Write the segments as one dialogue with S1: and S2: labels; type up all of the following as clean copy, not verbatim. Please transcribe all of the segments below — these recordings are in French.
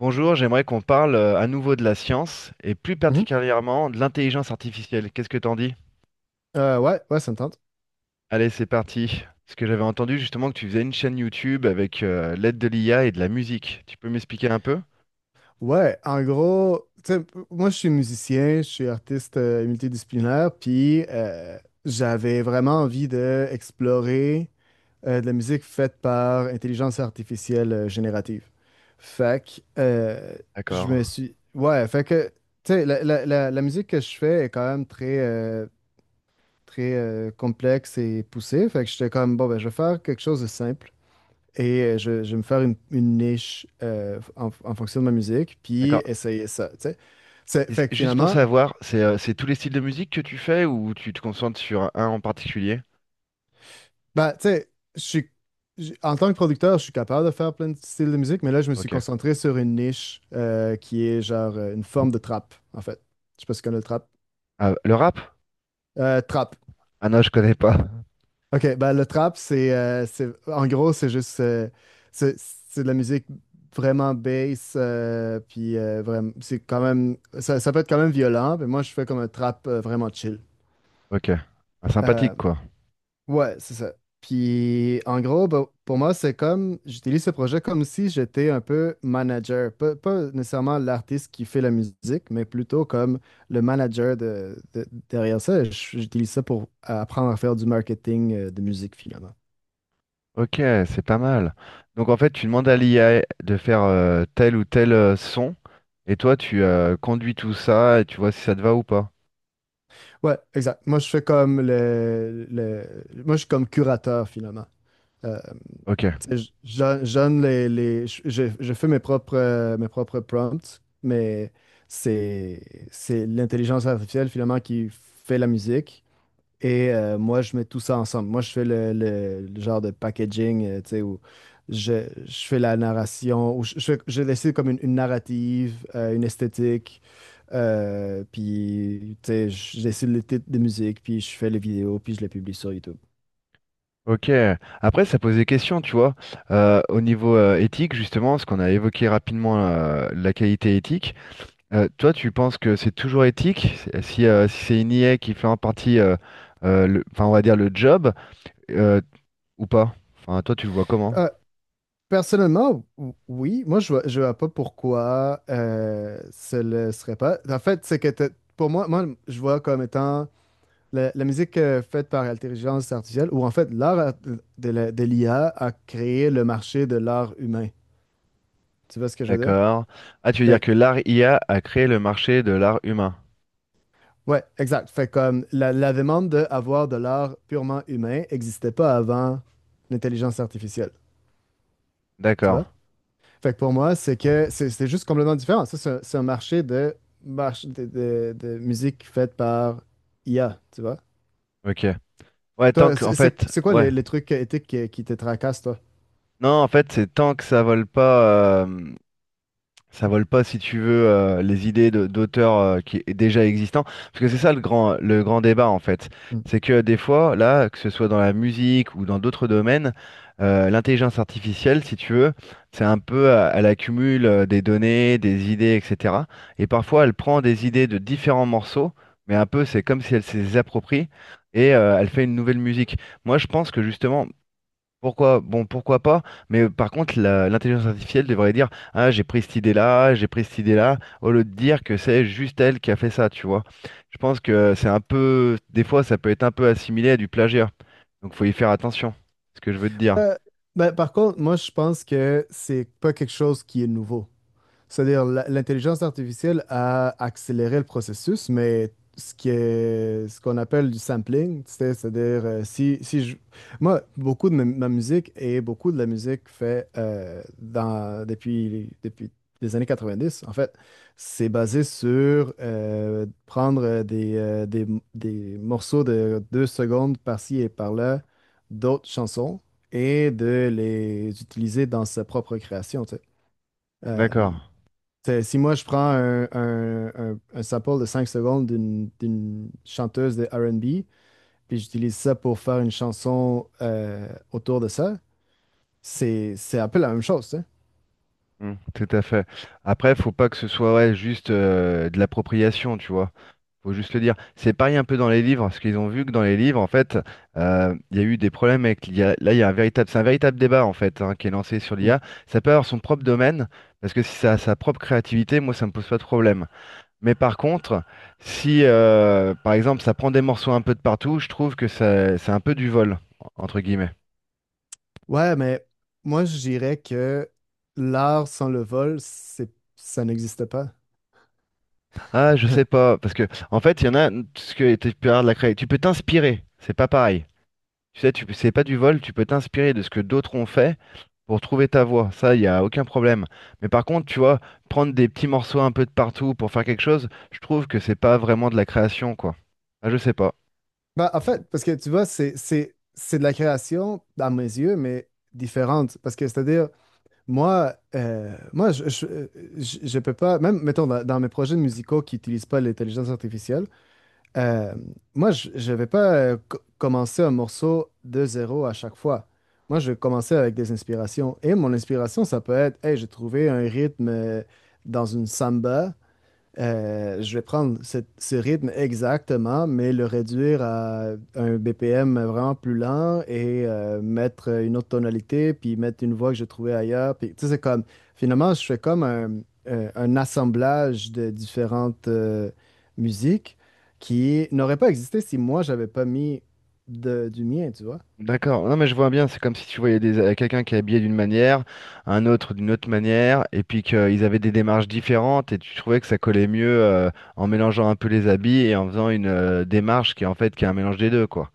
S1: Bonjour, j'aimerais qu'on parle à nouveau de la science et plus
S2: Mhm.
S1: particulièrement de l'intelligence artificielle. Qu'est-ce que t'en dis?
S2: Ouais, ouais, ça me tente.
S1: Allez, c'est parti. Parce que j'avais entendu justement que tu faisais une chaîne YouTube avec l'aide de l'IA et de la musique. Tu peux m'expliquer un peu?
S2: Ouais, en gros, tu sais, moi je suis musicien, je suis artiste multidisciplinaire, puis j'avais vraiment envie d'explorer de la musique faite par intelligence artificielle générative. Fait que je
S1: D'accord.
S2: me suis. Ouais, fait que, tu sais, la musique que je fais est quand même très, complexe et poussée. Fait que j'étais comme, bon, ben, je vais faire quelque chose de simple. Et je vais me faire une niche en, en fonction de ma musique, puis
S1: D'accord.
S2: essayer ça, tu sais. Fait que
S1: Juste pour
S2: finalement,
S1: savoir, c'est tous les styles de musique que tu fais ou tu te concentres sur un en particulier?
S2: bah, tu sais, en tant que producteur, je suis capable de faire plein de styles de musique, mais là, je me suis
S1: Ok.
S2: concentré sur une niche qui est genre une forme de trap, en fait. Je sais pas si tu connais le trap.
S1: Ah, le rap?
S2: Trap.
S1: Ah non, je connais pas.
S2: OK, ben le trap, en gros, c'est de la musique vraiment bass, puis vraiment, c'est quand même ça, ça peut être quand même violent, mais moi je fais comme un trap vraiment chill.
S1: Ok. Ah,
S2: Euh,
S1: sympathique quoi.
S2: ouais, c'est ça. Puis en gros, ben, pour moi, c'est comme j'utilise ce projet comme si j'étais un peu manager, pas nécessairement l'artiste qui fait la musique, mais plutôt comme le manager derrière ça. J'utilise ça pour apprendre à faire du marketing de musique finalement.
S1: Ok, c'est pas mal. Donc en fait, tu demandes à l'IA de faire tel ou tel son, et toi, tu conduis tout ça et tu vois si ça te va ou pas.
S2: Ouais, exact. Moi, je suis comme curateur, finalement. Euh,
S1: Ok,
S2: tu sais, je donne les- je fais mes propres prompts, mais c'est, c'est l'intelligence artificielle, finalement, qui fait la musique. Et moi, je mets tout ça ensemble. Moi, je fais le genre de packaging, tu sais, où je fais la narration, où je décide comme une narrative, une esthétique, puis, tu sais, je décide les titres de musique, puis je fais les vidéos, puis je les publie sur YouTube.
S1: ok. Après, ça pose des questions, tu vois. Au niveau éthique, justement, ce qu'on a évoqué rapidement, la qualité éthique. Toi, tu penses que c'est toujours éthique? Si c'est une IA qui fait en partie, enfin, on va dire le job, euh, ou pas? Enfin, toi, tu le vois comment?
S2: Euh, personnellement, oui, moi, je vois pas pourquoi ce le serait pas. En fait, pour moi, moi, je vois comme étant la, la musique faite par l'intelligence artificielle, ou en fait de l'IA a créé le marché de l'art humain. Tu vois ce que je veux dire?
S1: D'accord. Ah, tu veux dire
S2: Fait que-
S1: que l'art IA a créé le marché de l'art humain.
S2: ouais, exact. Fait comme la demande d'avoir de l'art purement humain n'existait pas avant l'intelligence artificielle. Tu
S1: D'accord.
S2: vois? Fait que pour moi, c'est que c'est juste complètement différent. Ça, c'est un marché de, marche- de musique faite par IA, tu vois?
S1: Ok. Ouais, tant
S2: Toi,
S1: que, en fait,
S2: c'est quoi
S1: ouais.
S2: les trucs éthiques qui te tracassent, toi?
S1: Non, en fait, c'est tant que ça vole pas. Ça vole pas, si tu veux, les d'auteurs qui est déjà existants. Parce que c'est ça le grand débat, en fait. C'est que des fois, là, que ce soit dans la musique ou dans d'autres domaines, l'intelligence artificielle, si tu veux, c'est un peu, elle accumule des données, des idées, etc. Et parfois, elle prend des idées de différents morceaux, mais un peu, c'est comme si elle s'est les approprie et elle fait une nouvelle musique. Moi, je pense que justement, pourquoi? Bon, pourquoi pas? Mais par contre, l'intelligence artificielle devrait dire, ah, j'ai pris cette idée-là, j'ai pris cette idée-là, au lieu de dire que c'est juste elle qui a fait ça, tu vois. Je pense que c'est un peu, des fois, ça peut être un peu assimilé à du plagiat. Donc, faut y faire attention. C'est ce que je veux te dire.
S2: Ouais. Ben, par contre, moi, je pense que c'est pas quelque chose qui est nouveau. L'intelligence artificielle a accéléré le processus, mais ce qu'on appelle du sampling, tu sais, c'est-à-dire, si je, moi, beaucoup de ma musique et beaucoup de la musique fait depuis les années 90, en fait, c'est basé sur prendre des morceaux de deux secondes par-ci et par-là d'autres chansons et de les utiliser dans sa propre création, tu sais. Euh,
S1: D'accord.
S2: T'sais, si moi je prends un sample de 5 secondes d'une chanteuse de R&B, puis j'utilise ça pour faire une chanson autour de ça, c'est un peu la même chose, tu sais.
S1: Mm, tout à fait. Après, faut pas que ce soit ouais, juste de l'appropriation, tu vois. Faut juste le dire. C'est pareil un peu dans les livres, parce qu'ils ont vu que dans les livres, en fait, il y a eu des problèmes avec l'IA. Là, il y a un véritable, c'est un véritable débat en fait hein, qui est lancé sur
S2: Mm.
S1: l'IA. Ça peut avoir son propre domaine, parce que si ça a sa propre créativité, moi, ça me pose pas de problème. Mais par contre, si, par exemple, ça prend des morceaux un peu de partout, je trouve que ça, c'est un peu du vol. Entre guillemets.
S2: Ouais, mais moi je dirais que l'art sans le vol, c'est ça n'existe pas.
S1: Ah, je sais pas, parce que en fait, il y en a, ce que tu peux avoir tu peux t'inspirer, c'est pas pareil. Tu sais, c'est pas du vol, tu peux t'inspirer de ce que d'autres ont fait pour trouver ta voie. Ça, il n'y a aucun problème. Mais par contre, tu vois, prendre des petits morceaux un peu de partout pour faire quelque chose, je trouve que c'est pas vraiment de la création, quoi. Ah, je sais pas.
S2: Bah, en
S1: C'est-
S2: fait, parce que tu vois, c'est de la création, à mes yeux, mais différente. Parce que c'est-à-dire, Moi, moi je peux pas, même mettons dans mes projets musicaux qui n'utilisent pas l'intelligence artificielle, euh, je vais pas commencer un morceau de zéro à chaque fois. Moi je vais commencer avec des inspirations. Et mon inspiration, ça peut être, hey, j'ai trouvé un rythme dans une samba. Je vais prendre ce rythme exactement, mais le réduire à un BPM vraiment plus lent et mettre une autre tonalité, puis mettre une voix que j'ai trouvée ailleurs. Puis, tu sais, c'est comme, finalement, je fais comme un assemblage de différentes musiques qui n'aurait pas existé si moi, j'avais pas mis du mien, tu vois.
S1: D'accord. Non, mais je vois bien, c'est comme si tu voyais quelqu'un qui est habillé d'une manière, un autre d'une autre manière, et puis qu'ils avaient des démarches différentes, et tu trouvais que ça collait mieux en mélangeant un peu les habits et en faisant une démarche qui est en fait qui est un mélange des deux, quoi.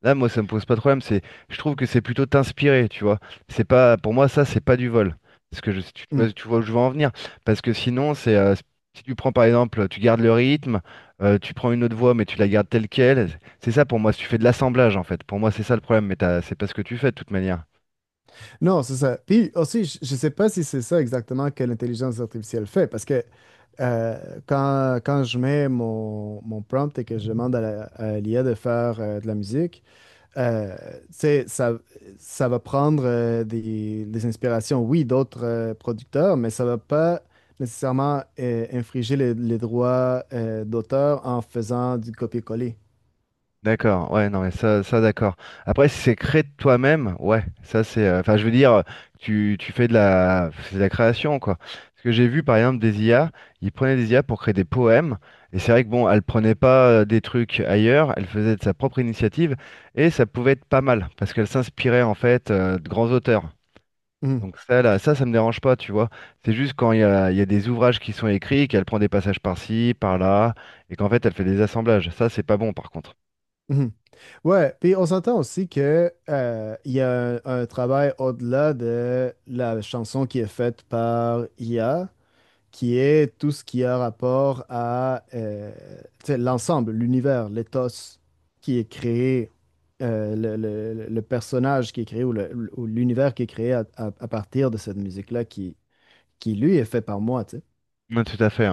S1: Là, moi, ça me pose pas de problème. C'est, je trouve que c'est plutôt t'inspirer, tu vois. C'est pas, pour moi, ça, c'est pas du vol. Parce que tu vois où je veux en venir. Parce que sinon, si tu prends par exemple, tu gardes le rythme, tu prends une autre voix, mais tu la gardes telle quelle. C'est ça pour moi. Si tu fais de l'assemblage, en fait. Pour moi, c'est ça le problème. Mais c'est pas ce que tu fais de toute manière.
S2: Non, c'est ça. Puis aussi, je ne sais pas si c'est ça exactement que l'intelligence artificielle fait, parce que euh, quand je mets mon prompt et que je demande à à l'IA de faire de la musique, euh, tu sais, ça va prendre des inspirations, oui, d'autres producteurs, mais ça va pas nécessairement infriger les droits d'auteur en faisant du copier-coller.
S1: D'accord, ouais, non, mais ça d'accord. Après, si c'est créé de toi-même, ouais, ça c'est. Enfin, je veux dire, tu fais c'est de la création, quoi. Parce que j'ai vu, par exemple, des IA, ils prenaient des IA pour créer des poèmes, et c'est vrai que bon, elle prenait pas des trucs ailleurs, elle faisait de sa propre initiative, et ça pouvait être pas mal, parce qu'elle s'inspirait en fait de grands auteurs. Donc ça, là, ça me dérange pas, tu vois. C'est juste quand il y a des ouvrages qui sont écrits, qu'elle prend des passages par-ci, par-là, et qu'en fait, elle fait des assemblages. Ça, c'est pas bon, par contre.
S2: Mhm. Ouais, puis on s'entend aussi que il y a un travail au-delà de la chanson qui est faite par IA, qui est tout ce qui a rapport à tu sais, l'ensemble, l'univers, l'éthos qui est créé, le personnage qui est créé ou ou l'univers qui est créé à partir de cette musique-là qui lui est fait par moi, tu sais.
S1: Ouais, tout à fait.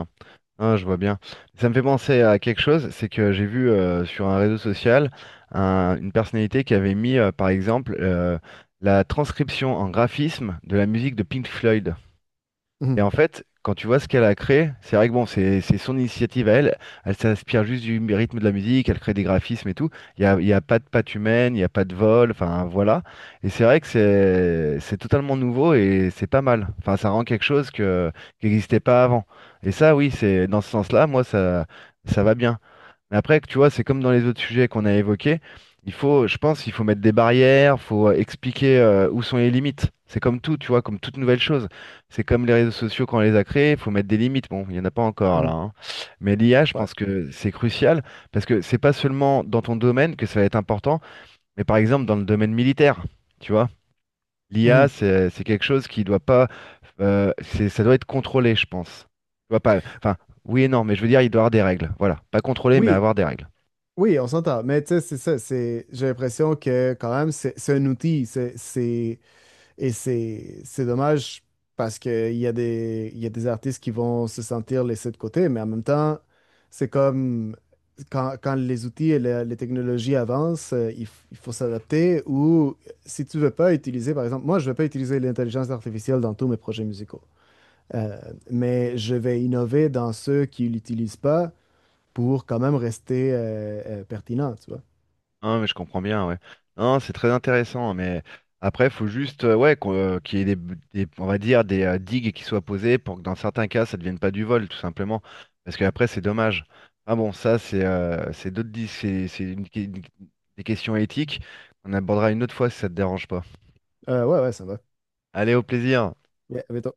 S1: Ah, je vois bien. Ça me fait penser à quelque chose, c'est que j'ai vu sur un réseau social une personnalité qui avait mis, par exemple, la transcription en graphisme de la musique de Pink Floyd. Et
S2: Mhm.
S1: en fait, quand tu vois ce qu'elle a créé, c'est vrai que bon, c'est son initiative à elle. Elle s'inspire juste du rythme de la musique, elle crée des graphismes et tout. Il y a pas de patte humaine, il n'y a pas de vol, enfin voilà. Et c'est vrai que c'est totalement nouveau et c'est pas mal. Enfin, ça rend quelque chose que, qui n'existait pas avant. Et ça, oui, c'est dans ce sens-là, moi, ça va bien. Mais après, tu vois, c'est comme dans les autres sujets qu'on a évoqués. Il faut, je pense, il faut mettre des barrières, faut expliquer où sont les limites. C'est comme tout, tu vois, comme toute nouvelle chose. C'est comme les réseaux sociaux quand on les a créés, il faut mettre des limites. Bon, il n'y en a pas encore là,
S2: Mhm.
S1: hein. Mais l'IA, je
S2: Ouais.
S1: pense que c'est crucial parce que c'est pas seulement dans ton domaine que ça va être important, mais par exemple dans le domaine militaire, tu vois. L'IA,
S2: Mhm.
S1: c'est quelque chose qui doit pas, ça doit être contrôlé, je pense. Tu vois pas, enfin, oui et non, mais je veux dire, il doit y avoir des règles. Voilà, pas contrôlé, mais
S2: Oui,
S1: avoir des règles.
S2: oui, on s'entend. Mais tu sais, c'est ça. J'ai l'impression que quand même, c'est un outil. Et c'est c'est dommage parce qu'il y a des artistes qui vont se sentir laissés de côté. Mais en même temps, c'est comme quand les outils et les technologies avancent, il faut s'adapter. Ou si tu veux pas utiliser, par exemple, moi, je ne vais pas utiliser l'intelligence artificielle dans tous mes projets musicaux. Euh, mais je vais innover dans ceux qui ne l'utilisent pas pour quand même rester pertinent, tu vois.
S1: Non, mais je comprends bien, ouais. Non, c'est très intéressant, hein, mais après, il faut juste ouais, qu'il y ait on va dire, des digues qui soient posées pour que dans certains cas, ça ne devienne pas du vol, tout simplement. Parce qu'après, c'est dommage. Ah bon, ça, c'est des questions éthiques. On abordera une autre fois si ça te dérange pas.
S2: Ouais, ouais, ça va.
S1: Allez, au plaisir.
S2: Ouais, mais toi-